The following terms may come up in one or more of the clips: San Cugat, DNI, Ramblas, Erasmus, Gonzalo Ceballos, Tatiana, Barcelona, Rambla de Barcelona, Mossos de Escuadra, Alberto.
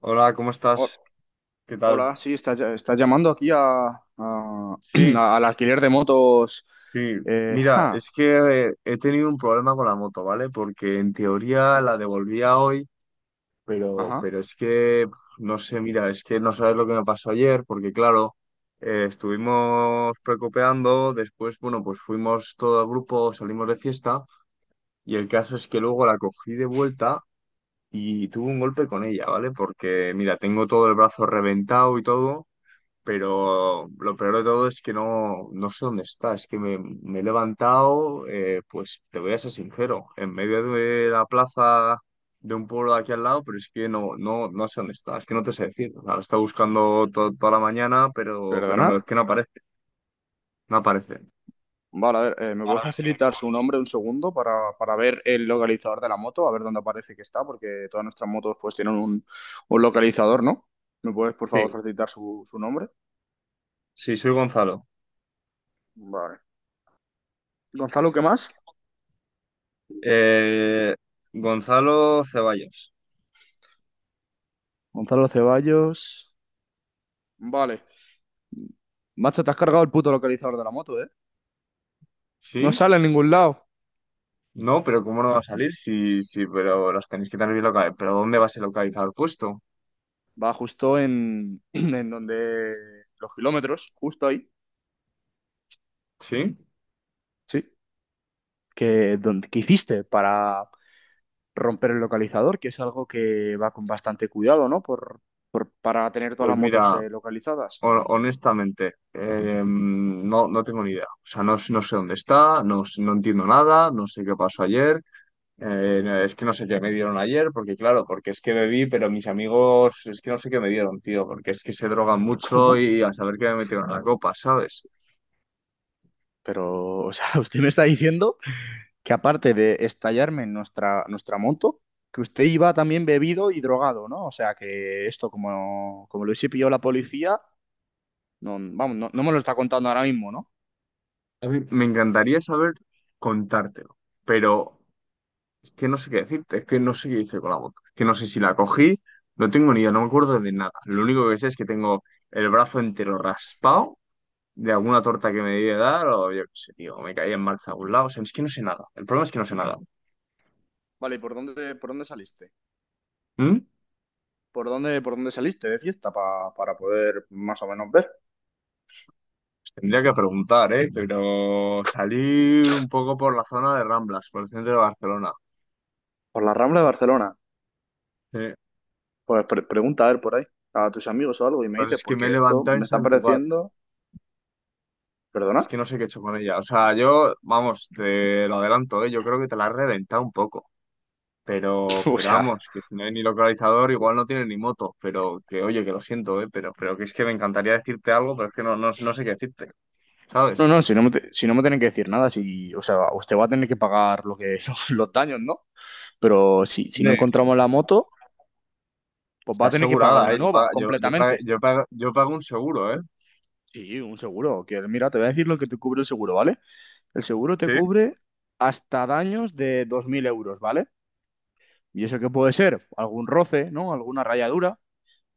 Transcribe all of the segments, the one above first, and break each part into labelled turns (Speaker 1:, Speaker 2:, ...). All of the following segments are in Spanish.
Speaker 1: Hola, ¿cómo
Speaker 2: Ho-
Speaker 1: estás? ¿Qué tal?
Speaker 2: Hola, sí, estás llamando aquí
Speaker 1: Sí,
Speaker 2: al alquiler de motos.
Speaker 1: sí.
Speaker 2: Eh,
Speaker 1: Mira,
Speaker 2: ja,
Speaker 1: es que he tenido un problema con la moto, ¿vale? Porque en teoría la devolvía hoy, pero,
Speaker 2: ajá,
Speaker 1: pero es que, no sé, mira, es que no sabes lo que me pasó ayer, porque claro, estuvimos precopeando, después, bueno, pues fuimos todo el grupo, salimos de fiesta, y el caso es que luego la cogí de vuelta y tuve un golpe con ella, ¿vale? Porque, mira, tengo todo el brazo reventado y todo. Pero lo peor de todo es que no sé dónde está. Es que me he levantado, pues te voy a ser sincero, en medio de la plaza de un pueblo de aquí al lado, pero es que no sé dónde está. Es que no te sé decir. O sea, lo he estado buscando toda la mañana, pero no, es
Speaker 2: perdona.
Speaker 1: que no aparece. No aparece.
Speaker 2: Vale, a ver, ¿me puedes
Speaker 1: Ahora ves que luego-
Speaker 2: facilitar su nombre un segundo para ver el localizador de la moto? A ver dónde aparece que está, porque todas nuestras motos pues tienen un localizador, ¿no? ¿Me puedes, por favor,
Speaker 1: Sí,
Speaker 2: facilitar su nombre?
Speaker 1: sí, soy Gonzalo.
Speaker 2: Vale. Gonzalo, ¿qué más?
Speaker 1: Eh, Gonzalo Ceballos.
Speaker 2: Gonzalo Ceballos. Vale. Macho, te has cargado el puto localizador de la moto, ¿eh? No
Speaker 1: ¿Sí?
Speaker 2: sale en ningún lado.
Speaker 1: No, pero ¿cómo no va a salir? Sí, sí, pero las tenéis que tener bien localizadas. ¿Pero dónde vas a localizar el puesto?
Speaker 2: Va justo en donde los kilómetros, justo ahí.
Speaker 1: ¿Sí?
Speaker 2: Sí. Que hiciste para romper el localizador, que es algo que va con bastante cuidado, ¿no? Para tener todas
Speaker 1: Pues
Speaker 2: las motos
Speaker 1: mira,
Speaker 2: localizadas.
Speaker 1: honestamente, no tengo ni idea. O sea, no, no sé dónde está, no, no entiendo nada, no sé qué pasó ayer. Es que no sé qué me dieron ayer, porque claro, porque es que bebí, pero mis amigos, es que no sé qué me dieron, tío, porque es que se drogan mucho
Speaker 2: ¿Cómo?
Speaker 1: y a saber qué me metieron en la copa, ¿sabes?
Speaker 2: Pero, o sea, usted me está diciendo que aparte de estallarme en nuestra moto, que usted iba también bebido y drogado, ¿no? O sea, que esto, como lo hubiese pillado la policía, no, vamos, no me lo está contando ahora mismo, ¿no?
Speaker 1: A mí me encantaría saber contártelo, pero es que no sé qué decirte, es que no sé qué hice con la boca, es que no sé si la cogí, no tengo ni idea, no me acuerdo de nada. Lo único que sé es que tengo el brazo entero raspado de alguna torta que me debía dar, o yo qué sé, tío, me caía en marcha a algún lado. O sea, es que no sé nada. El problema es que no sé nada.
Speaker 2: Vale, ¿y por dónde saliste?
Speaker 1: ¿Mm?
Speaker 2: ¿Por dónde saliste de fiesta para poder más o menos ver?
Speaker 1: Pues tendría que preguntar, ¿eh? Pero salí un poco por la zona de Ramblas, por el centro de Barcelona.
Speaker 2: Por la Rambla de Barcelona.
Speaker 1: Sí. Lo
Speaker 2: Pues pregunta a ver por ahí, a tus amigos o algo, y
Speaker 1: que
Speaker 2: me
Speaker 1: pasa
Speaker 2: dices,
Speaker 1: es que me he
Speaker 2: porque esto
Speaker 1: levantado
Speaker 2: me
Speaker 1: en
Speaker 2: está
Speaker 1: San Cugat.
Speaker 2: pareciendo. ¿Perdona?
Speaker 1: Es que no sé qué he hecho con ella. O sea, yo, vamos, te lo adelanto, ¿eh? Yo creo que te la has reventado un poco. Pero,
Speaker 2: O
Speaker 1: pero
Speaker 2: sea,
Speaker 1: vamos, que si no hay ni localizador, igual no tiene ni moto. Pero que, oye, que lo siento, ¿eh? Pero que es que me encantaría decirte algo, pero es que no sé qué decirte, ¿sabes?
Speaker 2: no, no, si no me tienen que decir nada, si, o sea, usted va a tener que pagar los daños, ¿no? Pero si no encontramos la moto, pues va
Speaker 1: Está
Speaker 2: a tener que pagar
Speaker 1: asegurada,
Speaker 2: una
Speaker 1: ¿eh? Yo,
Speaker 2: nueva,
Speaker 1: pa- yo, yo, pa-
Speaker 2: completamente.
Speaker 1: yo, pago yo pago un seguro, ¿eh?
Speaker 2: Sí, un seguro. Que, mira, te voy a decir lo que te cubre el seguro, ¿vale? El seguro te
Speaker 1: Sí,
Speaker 2: cubre hasta daños de 2.000 euros, ¿vale? Y eso qué puede ser algún roce, ¿no? Alguna rayadura.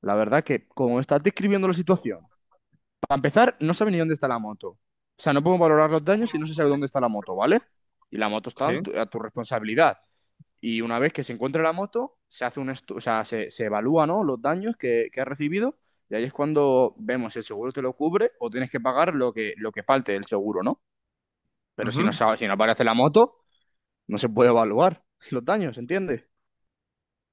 Speaker 2: La verdad que, como estás describiendo la situación, para empezar, no sabe ni dónde está la moto. O sea, no podemos valorar los daños si no se sabe dónde está la moto, ¿vale? Y la moto está en
Speaker 1: sí.
Speaker 2: a tu responsabilidad. Y una vez que se encuentra la moto, se hace o sea, se evalúa, ¿no? Los daños que ha recibido. Y ahí es cuando vemos si el seguro te lo cubre o tienes que pagar lo que falte del seguro, ¿no? Pero
Speaker 1: Ujú.
Speaker 2: si no aparece la moto, no se puede evaluar los daños, ¿entiendes?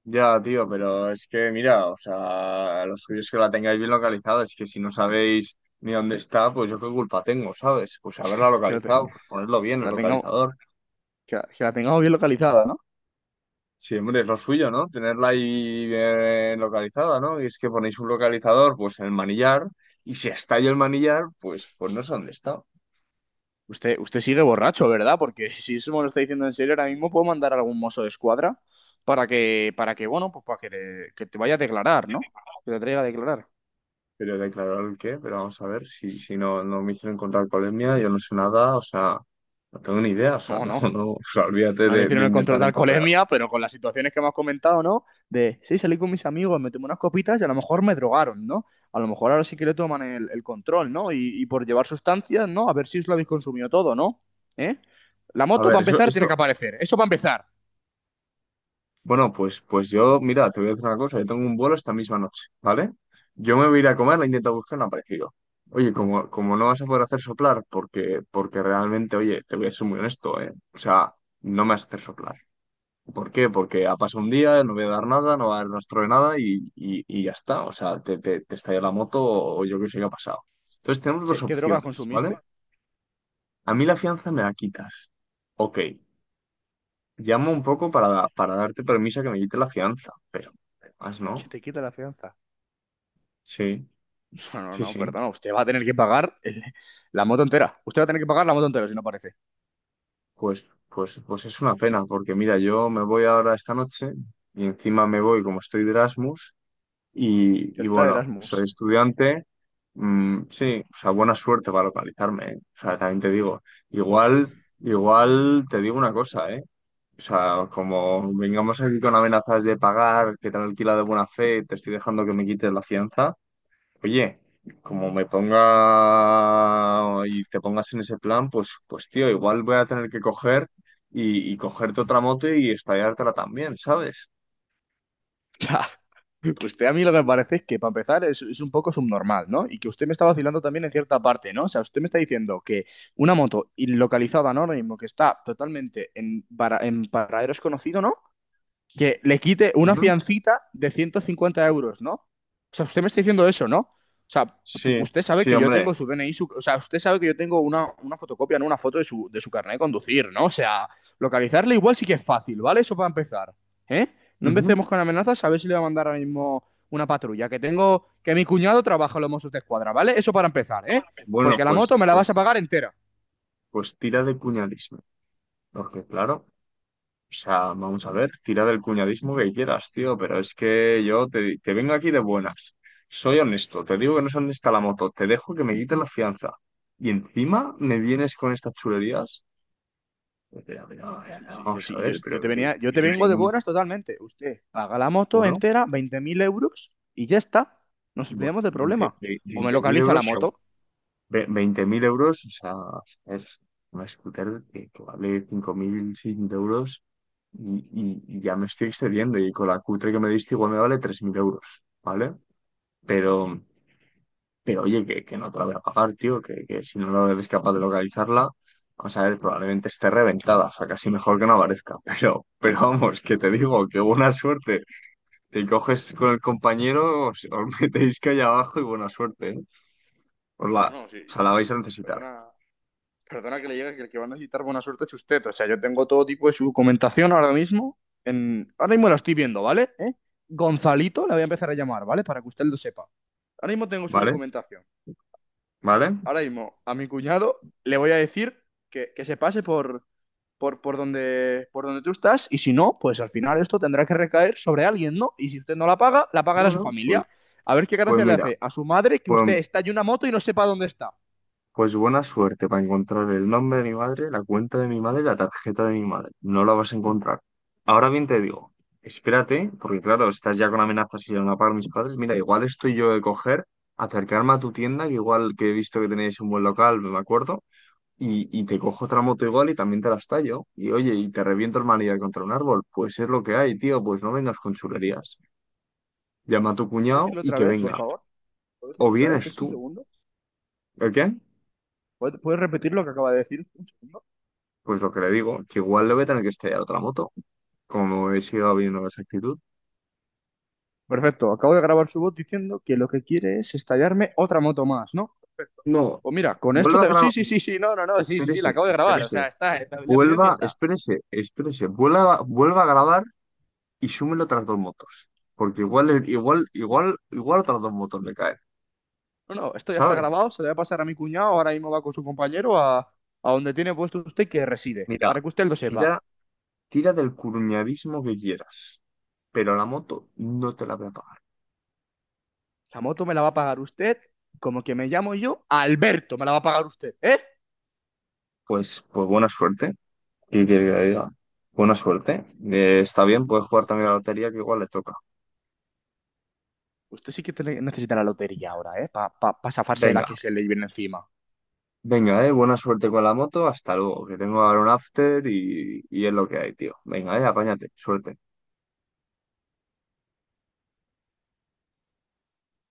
Speaker 1: Ya, tío, pero es que, mira, o sea, lo suyo es que la tengáis bien localizada. Es que si no sabéis ni dónde está, pues yo qué culpa tengo, ¿sabes? Pues haberla
Speaker 2: Que, la te-
Speaker 1: localizado, pues ponerlo bien,
Speaker 2: que
Speaker 1: el
Speaker 2: la tengamos.
Speaker 1: localizador.
Speaker 2: Que la tengamos bien localizada, ¿no?
Speaker 1: Sí, hombre, es lo suyo, ¿no? Tenerla ahí bien localizada, ¿no? Y es que ponéis un localizador, pues en el manillar, y si está ahí el manillar, pues no sé dónde está.
Speaker 2: Usted sigue borracho, ¿verdad? Porque si eso me lo está diciendo en serio, ahora mismo puedo mandar a algún mozo de escuadra bueno, pues que te vaya a declarar, ¿no? Que te traiga a declarar.
Speaker 1: Pero declarar el qué, pero vamos a ver si, si no me hicieron encontrar polemia, yo no sé nada, o sea, no tengo ni idea, o sea,
Speaker 2: No,
Speaker 1: no,
Speaker 2: no.
Speaker 1: no, o sea, olvídate
Speaker 2: No le
Speaker 1: de
Speaker 2: hicieron el control
Speaker 1: intentar
Speaker 2: de
Speaker 1: empapelar.
Speaker 2: alcoholemia, pero con las situaciones que hemos comentado, ¿no? De, sí, salí con mis amigos, me tomé unas copitas y a lo mejor me drogaron, ¿no? A lo mejor ahora sí que le toman el control, ¿no? Y por llevar sustancias, ¿no? A ver si os lo habéis consumido todo, ¿no? ¿Eh? La
Speaker 1: A
Speaker 2: moto,
Speaker 1: ver,
Speaker 2: para
Speaker 1: eso,
Speaker 2: empezar, tiene
Speaker 1: eso,
Speaker 2: que aparecer. Eso para empezar.
Speaker 1: bueno, pues yo, mira, te voy a decir una cosa, yo tengo un vuelo esta misma noche, ¿vale? Yo me voy a ir a comer, la intento buscar, no ha aparecido. Oye, como no vas a poder hacer soplar, porque realmente, oye, te voy a ser muy honesto, ¿eh? O sea, no me vas a hacer soplar. ¿Por qué? Porque ha pasado un día, no voy a dar nada, no va a dar rastro de nada y ya está. O sea, te estalla la moto o yo qué sé qué ha pasado. Entonces tenemos dos
Speaker 2: ¿Qué drogas
Speaker 1: opciones, ¿vale?
Speaker 2: consumiste?
Speaker 1: A mí la fianza me la quitas. Ok, llamo un poco para, darte permiso a que me quite la fianza, pero más
Speaker 2: Que
Speaker 1: no.
Speaker 2: te quita la fianza.
Speaker 1: Sí,
Speaker 2: No, no,
Speaker 1: sí,
Speaker 2: no,
Speaker 1: sí.
Speaker 2: perdona. Usted va a tener que pagar la moto entera. Usted va a tener que pagar la moto entera si no aparece.
Speaker 1: Pues es una pena, porque mira, yo me voy ahora esta noche y encima me voy como estoy de Erasmus. Y,
Speaker 2: Ya
Speaker 1: y
Speaker 2: está,
Speaker 1: bueno, soy
Speaker 2: Erasmus.
Speaker 1: estudiante. Mm, sí, o sea, buena suerte para localizarme, ¿eh? O sea, también te digo, igual, igual te digo una cosa, ¿eh? O sea, como vengamos aquí con amenazas de pagar, que te han alquilado de buena fe, te estoy dejando que me quites la fianza. Oye, como me ponga y te pongas en ese plan, pues tío, igual voy a tener que coger y cogerte otra moto y estallártela también, ¿sabes?
Speaker 2: Ya. Usted a mí lo que me parece es que, para empezar, es un poco subnormal, ¿no? Y que usted me está vacilando también en cierta parte, ¿no? O sea, usted me está diciendo que una moto localizada, ¿no? Ahora mismo, que está totalmente en paradero desconocido, ¿no? Que le quite una
Speaker 1: Ujú.
Speaker 2: fiancita de 150 euros, ¿no? O sea, usted me está diciendo eso, ¿no? O sea,
Speaker 1: Sí,
Speaker 2: usted sabe
Speaker 1: sí,
Speaker 2: que yo
Speaker 1: hombre.
Speaker 2: tengo su DNI, o sea, usted sabe que yo tengo una fotocopia, no una foto de su carnet de conducir, ¿no? O sea, localizarle igual sí que es fácil, ¿vale? Eso para empezar, ¿eh? No
Speaker 1: Ujú.
Speaker 2: empecemos con amenazas, a ver si le va a mandar ahora mismo una patrulla, que mi cuñado trabaja en los Mossos de Escuadra, ¿vale? Eso para empezar, ¿eh?
Speaker 1: Bueno,
Speaker 2: Porque la moto
Speaker 1: pues,
Speaker 2: me la vas a
Speaker 1: pues,
Speaker 2: pagar entera.
Speaker 1: pues tira de cuñadismo. Porque claro, o sea, vamos a ver, tira del cuñadismo que quieras, tío, pero es que yo te vengo aquí de buenas. Soy honesto, te digo que no es honesta la moto, te dejo que me quites la fianza. Y encima me vienes con estas chulerías.
Speaker 2: No, sí, sí,
Speaker 1: Vamos a ver, pero
Speaker 2: yo te vengo de buenas totalmente. Usted paga la moto
Speaker 1: bueno,
Speaker 2: entera, 20.000 euros, y ya está. Nos
Speaker 1: bueno,
Speaker 2: olvidamos del
Speaker 1: 20
Speaker 2: problema. O me
Speaker 1: 20.000
Speaker 2: localiza la
Speaker 1: euros
Speaker 2: moto.
Speaker 1: Veinte mil euros, o sea, es una scooter que vale 5.600 euros y ya me estoy excediendo. Y con la cutre que me diste, igual me vale 3.000 euros, ¿vale? Pero, pero oye, que no te la voy a pagar, tío, que si no lo eres capaz de localizarla, vamos a ver, probablemente esté reventada, o sea, casi mejor que no aparezca. Pero vamos, que te digo, que buena suerte. Te coges con el compañero, os metéis que allá abajo y buena suerte, ¿eh? Os la,
Speaker 2: No, no,
Speaker 1: o
Speaker 2: sí,
Speaker 1: sea,
Speaker 2: sí.
Speaker 1: la vais a necesitar,
Speaker 2: Perdona, perdona que le llegue que el que va a necesitar buena suerte es usted. O sea, yo tengo todo tipo de su documentación ahora mismo. Ahora mismo la estoy viendo, ¿vale? ¿Eh? Gonzalito, la voy a empezar a llamar, ¿vale? Para que usted lo sepa. Ahora mismo tengo su
Speaker 1: ¿vale?
Speaker 2: documentación.
Speaker 1: ¿Vale?
Speaker 2: Ahora mismo a mi cuñado le voy a decir que se pase por donde tú estás y si no, pues al final esto tendrá que recaer sobre alguien, ¿no? Y si usted no la paga, la pagará su
Speaker 1: Bueno,
Speaker 2: familia.
Speaker 1: pues,
Speaker 2: A ver qué
Speaker 1: pues
Speaker 2: gracia le
Speaker 1: mira,
Speaker 2: hace a su madre que usted
Speaker 1: pues,
Speaker 2: está en una moto y no sepa dónde está.
Speaker 1: pues buena suerte para encontrar el nombre de mi madre, la cuenta de mi madre y la tarjeta de mi madre. No la vas a encontrar. Ahora bien te digo, espérate, porque claro, estás ya con amenazas y van a pagar mis padres. Mira, igual estoy yo de coger, acercarme a tu tienda, que igual que he visto que tenéis un buen local, me acuerdo, y te cojo otra moto igual y también te la estallo. Y oye, y te reviento el manillar contra un árbol. Pues es lo que hay, tío, pues no vengas con chulerías. Llama a tu
Speaker 2: ¿Puedo
Speaker 1: cuñado
Speaker 2: decirlo
Speaker 1: y
Speaker 2: otra
Speaker 1: que
Speaker 2: vez, por
Speaker 1: venga.
Speaker 2: favor? ¿Puedo
Speaker 1: O
Speaker 2: decirlo otra vez?
Speaker 1: vienes
Speaker 2: ¿Es un
Speaker 1: tú.
Speaker 2: segundo?
Speaker 1: ¿El quién?
Speaker 2: ¿Puedes repetir lo que acaba de decir? Un segundo.
Speaker 1: Pues lo que le digo, que igual le voy a tener que estrellar otra moto, como he sido viendo esa actitud.
Speaker 2: Perfecto, acabo de grabar su voz diciendo que lo que quiere es estallarme otra moto más, ¿no? Perfecto.
Speaker 1: No,
Speaker 2: Pues mira, con esto
Speaker 1: vuelva a
Speaker 2: te... Sí,
Speaker 1: grabar,
Speaker 2: sí, sí, sí, no, no, no, sí, sí, sí, la
Speaker 1: espérese,
Speaker 2: acabo de grabar, o sea,
Speaker 1: espérese,
Speaker 2: está, la evidencia está.
Speaker 1: espérese, espérese, vuelva, vuelva a grabar y súmelo otras dos motos, porque igual otras dos motos le caen,
Speaker 2: No, no, esto ya está
Speaker 1: ¿sabes?
Speaker 2: grabado, se lo voy a pasar a mi cuñado, ahora mismo va con su compañero a donde tiene puesto usted que reside,
Speaker 1: Mira,
Speaker 2: para que usted lo sepa.
Speaker 1: tira, tira del curuñadismo que quieras, pero la moto no te la voy a pagar.
Speaker 2: La moto me la va a pagar usted, como que me llamo yo, Alberto, me la va a pagar usted, ¿eh?
Speaker 1: Pues buena suerte, ¿qué quiere que le diga? Buena suerte. Está bien, puedes jugar también a la lotería que igual le toca.
Speaker 2: Usted sí que necesita la lotería ahora, ¿eh? Para pa zafarse de la
Speaker 1: Venga,
Speaker 2: que se le viene encima.
Speaker 1: venga, buena suerte con la moto, hasta luego, que tengo ahora un after y es lo que hay, tío. Venga, apáñate, suerte.